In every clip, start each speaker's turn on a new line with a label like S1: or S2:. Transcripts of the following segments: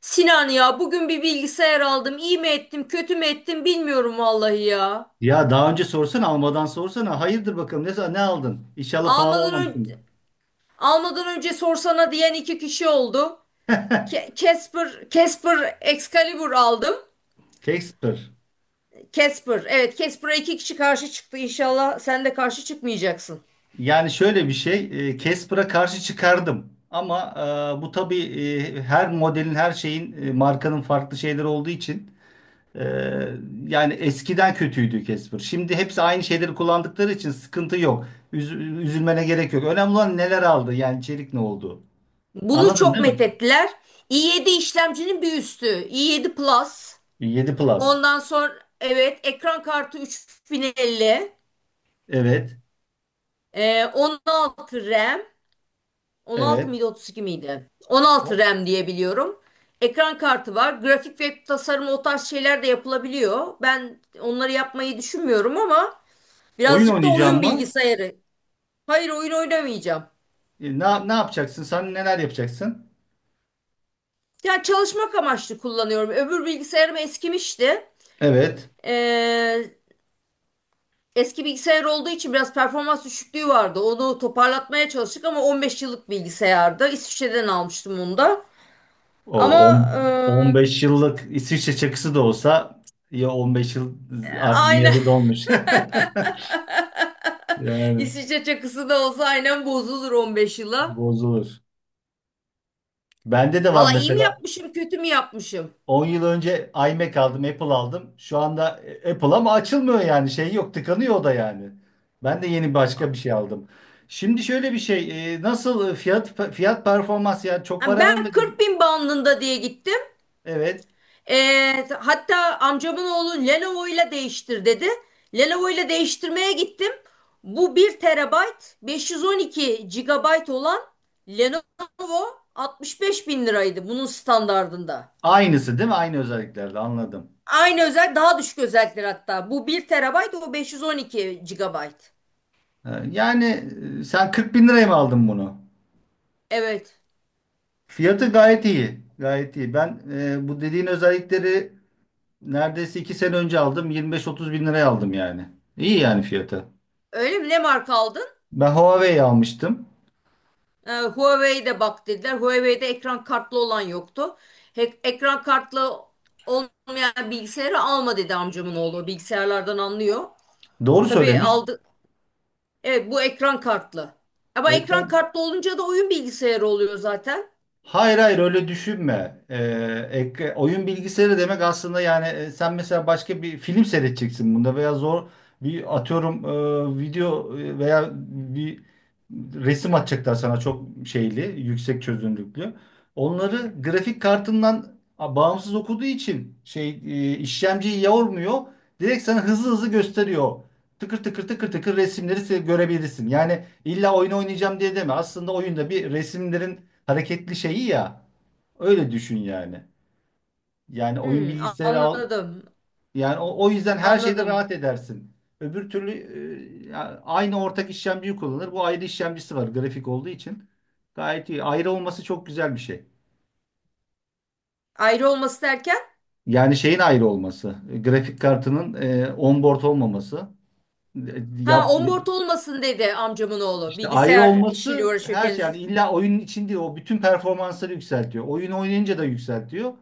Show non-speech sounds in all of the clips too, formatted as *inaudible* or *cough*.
S1: Sinan, ya bugün bir bilgisayar aldım. İyi mi ettim, kötü mü ettim bilmiyorum vallahi ya.
S2: Ya daha önce sorsana, almadan sorsana. Hayırdır bakalım, ne aldın? İnşallah pahalı
S1: Almadan önce
S2: almamışsın.
S1: sorsana diyen iki kişi oldu. Casper Excalibur aldım.
S2: Casper.
S1: Casper, evet, Casper'a iki kişi karşı çıktı. İnşallah sen de karşı çıkmayacaksın.
S2: Yani şöyle bir şey. Casper'a karşı çıkardım. Ama bu tabii her modelin, her şeyin, markanın farklı şeyleri olduğu için, e, yani eskiden kötüydü Casper. Şimdi hepsi aynı şeyleri kullandıkları için sıkıntı yok. Üz- üzülmene gerek yok. Önemli olan neler aldı, yani içerik ne oldu.
S1: Bunu
S2: Anladın,
S1: çok
S2: değil mi?
S1: methettiler. i7 işlemcinin bir üstü, i7 Plus.
S2: 7 Plus.
S1: Ondan sonra, evet, ekran kartı 3050.
S2: Evet.
S1: 16 RAM. 16
S2: Evet.
S1: mıydı, 32 miydi? 16 RAM diye biliyorum. Ekran kartı var. Grafik ve tasarım, o tarz şeyler de yapılabiliyor. Ben onları yapmayı düşünmüyorum ama
S2: Oyun
S1: birazcık da
S2: oynayacağım
S1: oyun
S2: mı?
S1: bilgisayarı. Hayır, oyun oynamayacağım.
S2: Ne yapacaksın? Sen neler yapacaksın?
S1: Yani çalışmak amaçlı kullanıyorum. Öbür bilgisayarım eskimişti.
S2: Evet.
S1: Ee, eski bilgisayar olduğu için biraz performans düşüklüğü vardı. Onu toparlatmaya çalıştık ama 15 yıllık bilgisayardı. İsviçre'den almıştım onu da.
S2: O
S1: Ama
S2: on-
S1: e,
S2: 15 yıllık İsviçre çakısı da olsa, ya 15 yıl artık
S1: aynen
S2: yarı dolmuş. *laughs*
S1: *laughs*
S2: Yani
S1: İsviçre çakısı da olsa aynen bozulur 15 yıla.
S2: bozulur. Bende de var
S1: Valla iyi mi
S2: mesela.
S1: yapmışım, kötü mü yapmışım?
S2: 10 yıl önce iMac aldım, Apple aldım. Şu anda Apple ama açılmıyor, yani şey yok, tıkanıyor o da yani. Ben de yeni başka bir şey aldım. Şimdi şöyle bir şey, nasıl, fiyat performans, yani çok
S1: Yani
S2: para
S1: ben
S2: vermedim.
S1: 40 bin bandında diye gittim.
S2: Evet.
S1: Hatta amcamın oğlu Lenovo ile değiştir dedi. Lenovo ile değiştirmeye gittim. Bu bir terabayt, 512 gigabayt olan Lenovo 65 bin liraydı bunun standardında.
S2: Aynısı değil mi? Aynı özelliklerde, anladım.
S1: Aynı özel, daha düşük özellikler hatta. Bu bir terabayt, o 512 gigabayt.
S2: Yani, sen 40 bin liraya mı aldın bunu?
S1: Evet.
S2: Fiyatı gayet iyi. Gayet iyi. Ben bu dediğin özellikleri neredeyse 2 sene önce aldım. 25-30 bin liraya aldım yani. İyi yani fiyatı.
S1: Öyle mi? Ne marka aldın?
S2: Ben Huawei almıştım.
S1: Huawei'de bak dediler. Huawei'de ekran kartlı olan yoktu. Ekran kartlı olmayan bilgisayarı alma dedi amcamın oğlu. Bilgisayarlardan anlıyor.
S2: Doğru
S1: Tabii
S2: söylemiş.
S1: aldı. Evet, bu ekran kartlı. Ama ekran
S2: Ekran
S1: kartlı olunca da oyun bilgisayarı oluyor zaten.
S2: Hayır, hayır, öyle düşünme. Oyun bilgisayarı demek aslında, yani sen mesela başka bir film seyredeceksin bunda, veya zor bir, atıyorum, video, veya bir resim atacaklar sana çok şeyli, yüksek çözünürlüklü. Onları grafik kartından bağımsız okuduğu için, şey, işlemciyi yormuyor. Direkt sana hızlı hızlı gösteriyor. Tıkır tıkır tıkır hareketli şeyi ya. Öyle düşün yani. Yani oyun
S1: Hmm,
S2: bilgisayarı al.
S1: anladım.
S2: Yani o yüzden her şeyde
S1: Anladım.
S2: rahat edersin. Öbür türlü aynı ortak işlemciyi kullanır. Bu, ayrı işlemcisi var grafik olduğu için. Gayet iyi. Ayrı olması çok güzel bir şey.
S1: Ayrı olması derken?
S2: Yani şeyin ayrı olması. Grafik kartının, onboard olmaması. E,
S1: Ha,
S2: Yap,
S1: onboard olmasın dedi amcamın oğlu.
S2: İşte ayrı
S1: Bilgisayar işiyle
S2: olması
S1: uğraşıyor
S2: her şey, yani
S1: kendisi.
S2: illa oyunun içinde o bütün performansları yükseltiyor. Oyun oynayınca da yükseltiyor.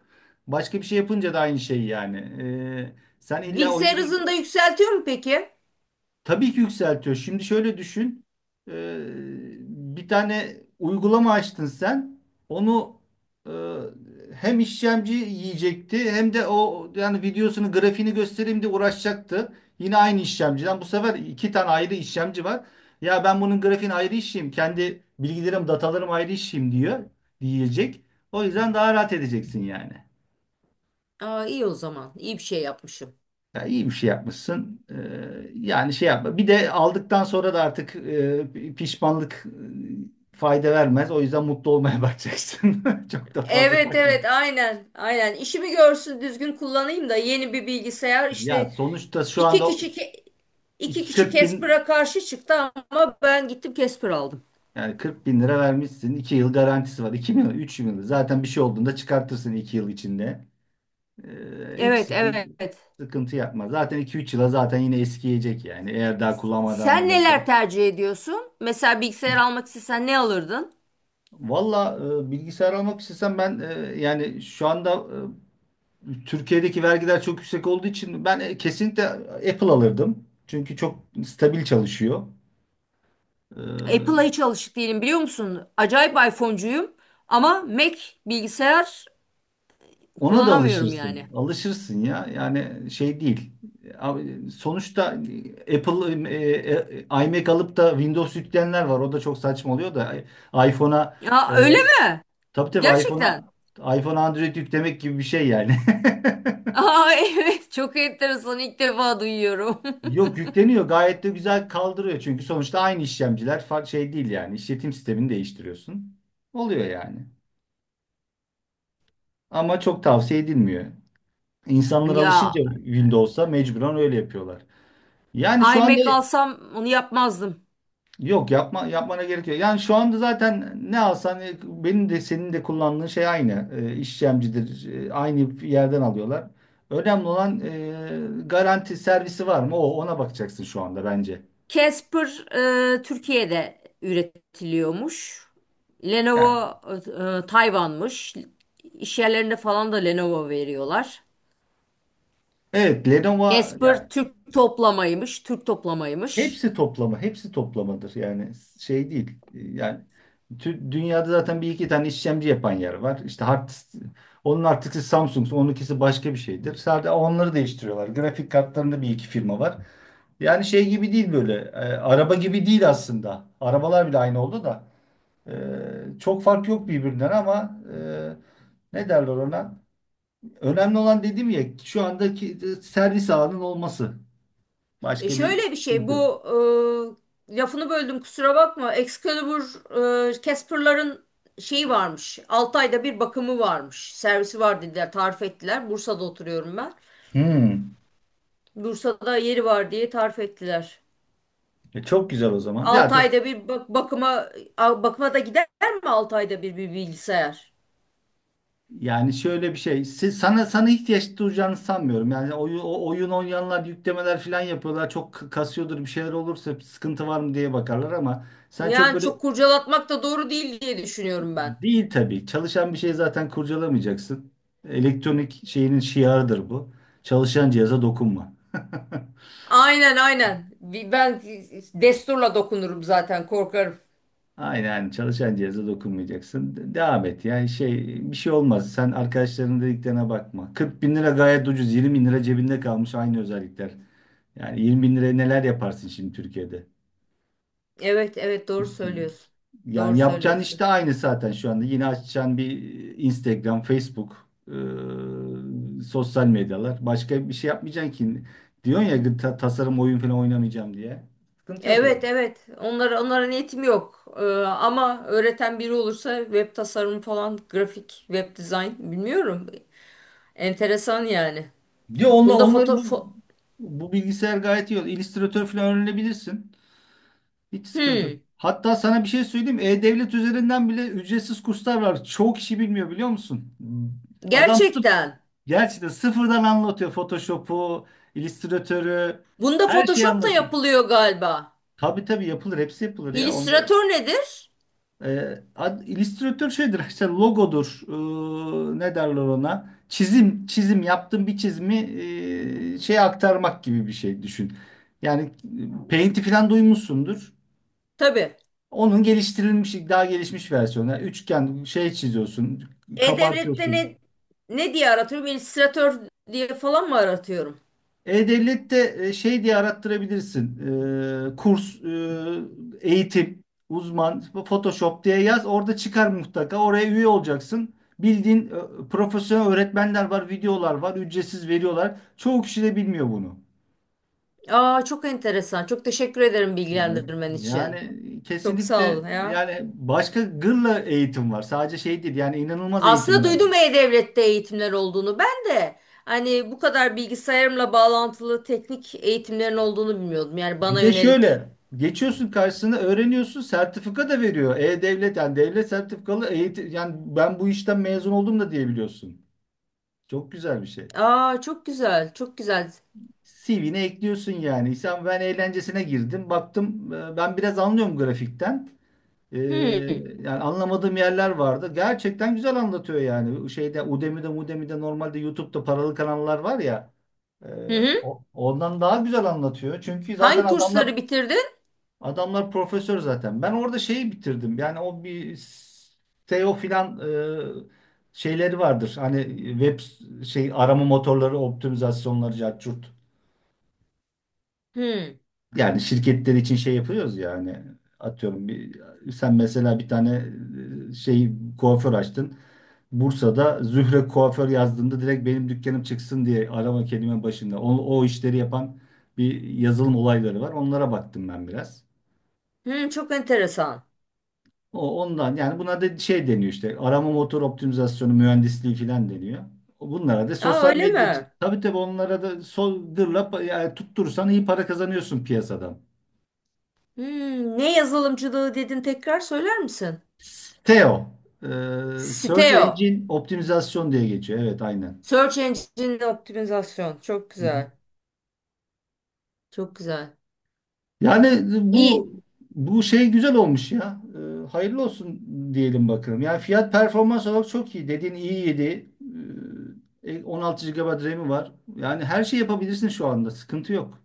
S2: Başka bir şey yapınca da aynı şey yani. Sen illa oyun
S1: Bilgisayar
S2: bir.
S1: hızını da yükseltiyor mu peki?
S2: Tabii ki yükseltiyor. Şimdi şöyle düşün. Ee, Bir tane uygulama açtın sen. Onu e, hem işlemci yiyecekti, hem de o yani videosunu, grafiğini göstereyim diye uğraşacaktı. Yine aynı işlemciden. Bu sefer 2 tane ayrı işlemci var. Ya ben bunun grafiğini ayrı işleyeyim. Kendi bilgilerim, datalarım ayrı işleyeyim diyor. Diyecek. O yüzden daha rahat edeceksin yani.
S1: Aa, iyi o zaman. İyi bir şey yapmışım.
S2: Ya iyi bir şey yapmışsın. Yani şey yapma. Bir de aldıktan sonra da artık pişmanlık, fayda vermez. O yüzden mutlu olmaya *laughs* bakacaksın. Çok da fazla
S1: Evet, evet,
S2: takma.
S1: aynen aynen, işimi görsün, düzgün kullanayım da, yeni bir bilgisayar
S2: Ya
S1: işte.
S2: sonuçta şu
S1: iki
S2: anda
S1: kişi ke- iki kişi
S2: 40 bin,
S1: Casper'a karşı çıktı ama ben gittim Casper aldım.
S2: yani 40 bin lira vermişsin. 2 yıl garantisi var. 2 yıl, 3 yıl. Zaten bir şey olduğunda çıkartırsın 2 yıl içinde. Hiç
S1: Evet,
S2: sıkıntı,
S1: evet.
S2: sıkıntı yapma. Zaten 2-3 yıla zaten yine eskiyecek yani. Eğer daha kullanmaya devam
S1: Sen neler
S2: edersen.
S1: tercih ediyorsun? Mesela bilgisayar almak istesen ne alırdın?
S2: Valla bilgisayar almak istesem, ben yani şu anda, Türkiye'deki vergiler çok yüksek olduğu için ben kesinlikle Apple alırdım. Çünkü çok stabil çalışıyor. E,
S1: Apple'a hiç alışık değilim, biliyor musun? Acayip iPhone'cuyum ama Mac bilgisayar
S2: ona da
S1: kullanamıyorum yani.
S2: alışırsın. Alışırsın ya. Yani şey değil. Abi, sonuçta Apple, iMac alıp da Windows yükleyenler var. O da çok saçma oluyor da, iPhone'a, e,
S1: Ya, öyle mi?
S2: tabii tabii
S1: Gerçekten.
S2: iPhone'a, iPhone Android yüklemek gibi bir şey yani. *laughs*
S1: Aa, *laughs* evet, çok enteresan, ilk defa duyuyorum. *laughs*
S2: Yok, yükleniyor, gayet de güzel kaldırıyor çünkü sonuçta aynı işlemciler, farklı şey değil yani, işletim sistemini değiştiriyorsun. Oluyor yani. Ama çok tavsiye edilmiyor. İnsanlar
S1: Ya
S2: alışınca Windows'a mecburen öyle yapıyorlar. Yani şu anda
S1: iMac alsam onu yapmazdım.
S2: yok, yapma, yapmana gerek yok. Yani şu anda zaten ne alsan benim de senin de kullandığın şey aynı. İşlemcidir. Aynı yerden alıyorlar. Önemli olan, garanti servisi var mı? O, ona bakacaksın şu anda bence.
S1: Casper Türkiye'de üretiliyormuş.
S2: Yani,
S1: Lenovo Tayvan'mış. İş yerlerinde falan da Lenovo veriyorlar.
S2: evet Lenovo,
S1: Casper
S2: yani
S1: Türk toplamaymış, Türk toplamaymış.
S2: hepsi toplama, hepsi toplamadır. Yani şey değil. Yani, dünyada zaten bir iki tane işlemci yapan yer var. İşte hard, onun artıkisi Samsung, onunkisi başka bir şeydir. Sadece onları değiştiriyorlar. Grafik kartlarında bir iki firma var. Yani şey gibi değil böyle. Araba gibi değil aslında. Arabalar bile aynı oldu da. E, Çok fark yok birbirinden ama, ne derler ona? Önemli olan, dedim ya, şu andaki servis ağının olması. Başka bir
S1: Şöyle bir şey,
S2: sıkıntı yok.
S1: bu lafını böldüm, kusura bakma. Excalibur Casper'ların şeyi varmış. 6 ayda bir bakımı varmış. Servisi var dediler, tarif ettiler. Bursa'da oturuyorum ben.
S2: Hmm.
S1: Bursa'da yeri var diye tarif ettiler.
S2: Çok güzel o zaman.
S1: 6
S2: Zaten
S1: ayda bir bakıma, bakıma da gider mi 6 ayda bir bilgisayar?
S2: yani şöyle bir şey. Siz, sana sana ihtiyaç duyacağını sanmıyorum. Yani oyun, oyun oynayanlar yüklemeler falan yapıyorlar. Çok kasıyordur, bir şeyler olursa sıkıntı var mı diye bakarlar, ama sen çok
S1: Yani
S2: böyle
S1: çok kurcalatmak da doğru değil diye düşünüyorum ben.
S2: değil tabii. Çalışan bir şey zaten kurcalamayacaksın. Elektronik şeyinin şiarıdır bu. Çalışan cihaza dokunma. *laughs*
S1: Aynen, aynen. Ben desturla dokunurum, zaten korkarım.
S2: Aynen, çalışan cihaza dokunmayacaksın. Devam et, yani şey, bir şey olmaz. Sen arkadaşlarının dediklerine bakma. 40 bin lira gayet ucuz. 20 bin lira cebinde kalmış, aynı özellikler. Yani 20 bin liraya neler yaparsın şimdi Türkiye'de?
S1: Evet, evet, doğru
S2: Üstüne.
S1: söylüyorsun. Doğru
S2: Yani yapacağın iş
S1: söylüyorsun.
S2: de aynı zaten şu anda. Yine açacaksın bir Instagram, Facebook, sosyal medyalar. Başka bir şey yapmayacaksın ki. Diyorsun ya, tasarım, oyun falan oynamayacağım diye. Sıkıntı yok o
S1: Evet,
S2: zaman.
S1: evet. Onlara, niyetim yok. Ama öğreten biri olursa web tasarımı falan, grafik, web dizayn bilmiyorum. Enteresan yani.
S2: Diyor onlar,
S1: Bunda
S2: onları bu, bilgisayar gayet iyi. Illustrator falan öğrenebilirsin. Hiç sıkıntı yok.
S1: Hmm,
S2: Hatta sana bir şey söyleyeyim. E-Devlet üzerinden bile ücretsiz kurslar var. Çoğu kişi bilmiyor, biliyor musun? Adam sırf,
S1: gerçekten.
S2: gerçekten sıfırdan anlatıyor. Photoshop'u, Illustrator'ı,
S1: Bunda
S2: her şeyi
S1: Photoshop da
S2: anlatıyor.
S1: yapılıyor galiba.
S2: Tabii tabii yapılır. Hepsi yapılır ya. Onda
S1: İllüstratör nedir?
S2: illüstratör şeydir işte, logodur. Ne derler ona? Çizim yaptığım bir çizimi şeye aktarmak gibi bir şey düşün. Yani Paint'i falan duymuşsundur.
S1: Tabii.
S2: Onun geliştirilmiş, daha gelişmiş versiyonu. Yani üçgen şey çiziyorsun,
S1: E-Devlet'te
S2: kabartıyorsun.
S1: ne diye aratıyorum? İllüstratör diye falan mı aratıyorum?
S2: E-Devlet'te şey diye arattırabilirsin. Kurs, eğitim, uzman, Photoshop diye yaz. Orada çıkar mutlaka. Oraya üye olacaksın. Bildiğin profesyonel öğretmenler var, videolar var, ücretsiz veriyorlar. Çoğu kişi de bilmiyor bunu.
S1: Aa, çok enteresan. Çok teşekkür ederim
S2: E,
S1: bilgilendirmen için.
S2: Yani
S1: Çok sağ ol
S2: kesinlikle
S1: ya.
S2: yani başka gırla eğitim var. Sadece şey değil, yani inanılmaz
S1: Aslında
S2: eğitimler var.
S1: duydum E-Devlet'te eğitimler olduğunu. Ben de hani bu kadar bilgisayarımla bağlantılı teknik eğitimlerin olduğunu bilmiyordum. Yani
S2: Bir
S1: bana
S2: de
S1: yönelik.
S2: şöyle, geçiyorsun karşısına, öğreniyorsun, sertifika da veriyor. E-Devlet yani, devlet sertifikalı eğitim, yani ben bu işten mezun oldum da diyebiliyorsun. Çok güzel bir şey.
S1: Aa, çok güzel. Çok güzel.
S2: CV'ne ekliyorsun yani. Sen, ben eğlencesine girdim. Baktım, ben biraz anlıyorum grafikten. E,
S1: Hmm.
S2: Yani anlamadığım yerler vardı. Gerçekten güzel anlatıyor yani. Şeyde Udemy'de normalde YouTube'da paralı kanallar var ya. e,
S1: Hı hı.
S2: Ondan daha güzel anlatıyor. Çünkü zaten
S1: Hangi
S2: adamlar
S1: kursları bitirdin?
S2: Adamlar profesör zaten. Ben orada şeyi bitirdim. Yani o bir SEO filan şeyleri vardır. Hani web şey, arama motorları optimizasyonları, cart.
S1: Hmm.
S2: Yani şirketler için şey yapıyoruz ya, hani atıyorum bir, sen mesela bir tane şey, kuaför açtın. Bursa'da Zühre kuaför yazdığında direkt benim dükkanım çıksın diye arama kelime başında. O işleri yapan bir yazılım olayları var. Onlara baktım ben biraz.
S1: Hmm, çok enteresan.
S2: Ondan yani, buna da şey deniyor işte, arama motor optimizasyonu mühendisliği falan deniyor. Bunlara da
S1: Aa,
S2: sosyal
S1: öyle
S2: medya,
S1: mi?
S2: tabii tabii onlara da soldırla, yani tutturursan iyi para kazanıyorsun piyasadan.
S1: Hmm, ne yazılımcılığı dedin, tekrar söyler misin?
S2: SEO, o, Search
S1: Siteo.
S2: Engine Optimizasyon diye geçiyor. Evet aynen.
S1: Search Engine Optimizasyon. Çok
S2: Hı hı.
S1: güzel. Çok güzel.
S2: Yani
S1: İyi.
S2: bu, şey güzel olmuş ya. Hayırlı olsun diyelim bakalım. Yani fiyat performans olarak çok iyi. Dediğin iyiydi. 16 GB RAM'i var. Yani her şey yapabilirsin şu anda. Sıkıntı yok.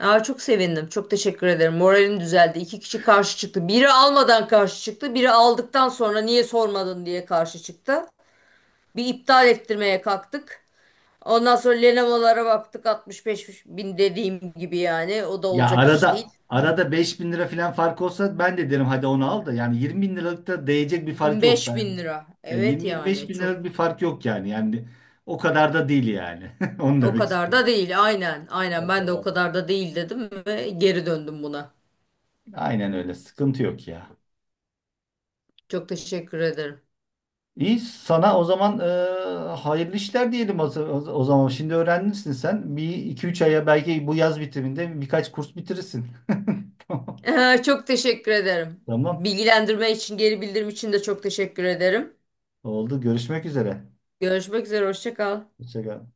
S1: Aa, çok sevindim. Çok teşekkür ederim. Moralim düzeldi. İki kişi karşı çıktı. Biri almadan karşı çıktı. Biri aldıktan sonra niye sormadın diye karşı çıktı. Bir iptal ettirmeye kalktık. Ondan sonra Lenovo'lara baktık, 65 bin, dediğim gibi yani. O da
S2: Ya
S1: olacak iş
S2: arada
S1: değil.
S2: arada 5 bin lira falan fark olsa ben de derim hadi onu al da, yani 20 bin liralık da değecek bir fark yok,
S1: 25
S2: ben.
S1: bin lira.
S2: Ya
S1: Evet
S2: 20-25
S1: yani,
S2: bin liralık
S1: çok.
S2: bir fark yok yani. Yani o kadar da değil yani. *laughs* Onu
S1: O
S2: demek
S1: kadar
S2: istiyorum.
S1: da değil. Aynen. Aynen,
S2: O
S1: ben de o
S2: kadar da.
S1: kadar da değil dedim ve geri döndüm buna.
S2: Aynen öyle. Sıkıntı yok ya.
S1: Çok teşekkür ederim.
S2: İyi sana o zaman, hayırlı işler diyelim o zaman. Şimdi öğrenmişsin sen. Bir iki üç aya, belki bu yaz bitiminde birkaç kurs bitirirsin.
S1: *laughs* Çok teşekkür ederim
S2: *laughs* Tamam.
S1: bilgilendirme için, geri bildirim için de çok teşekkür ederim.
S2: Oldu. Görüşmek üzere.
S1: Görüşmek üzere. Hoşça kal.
S2: Hoşça kal.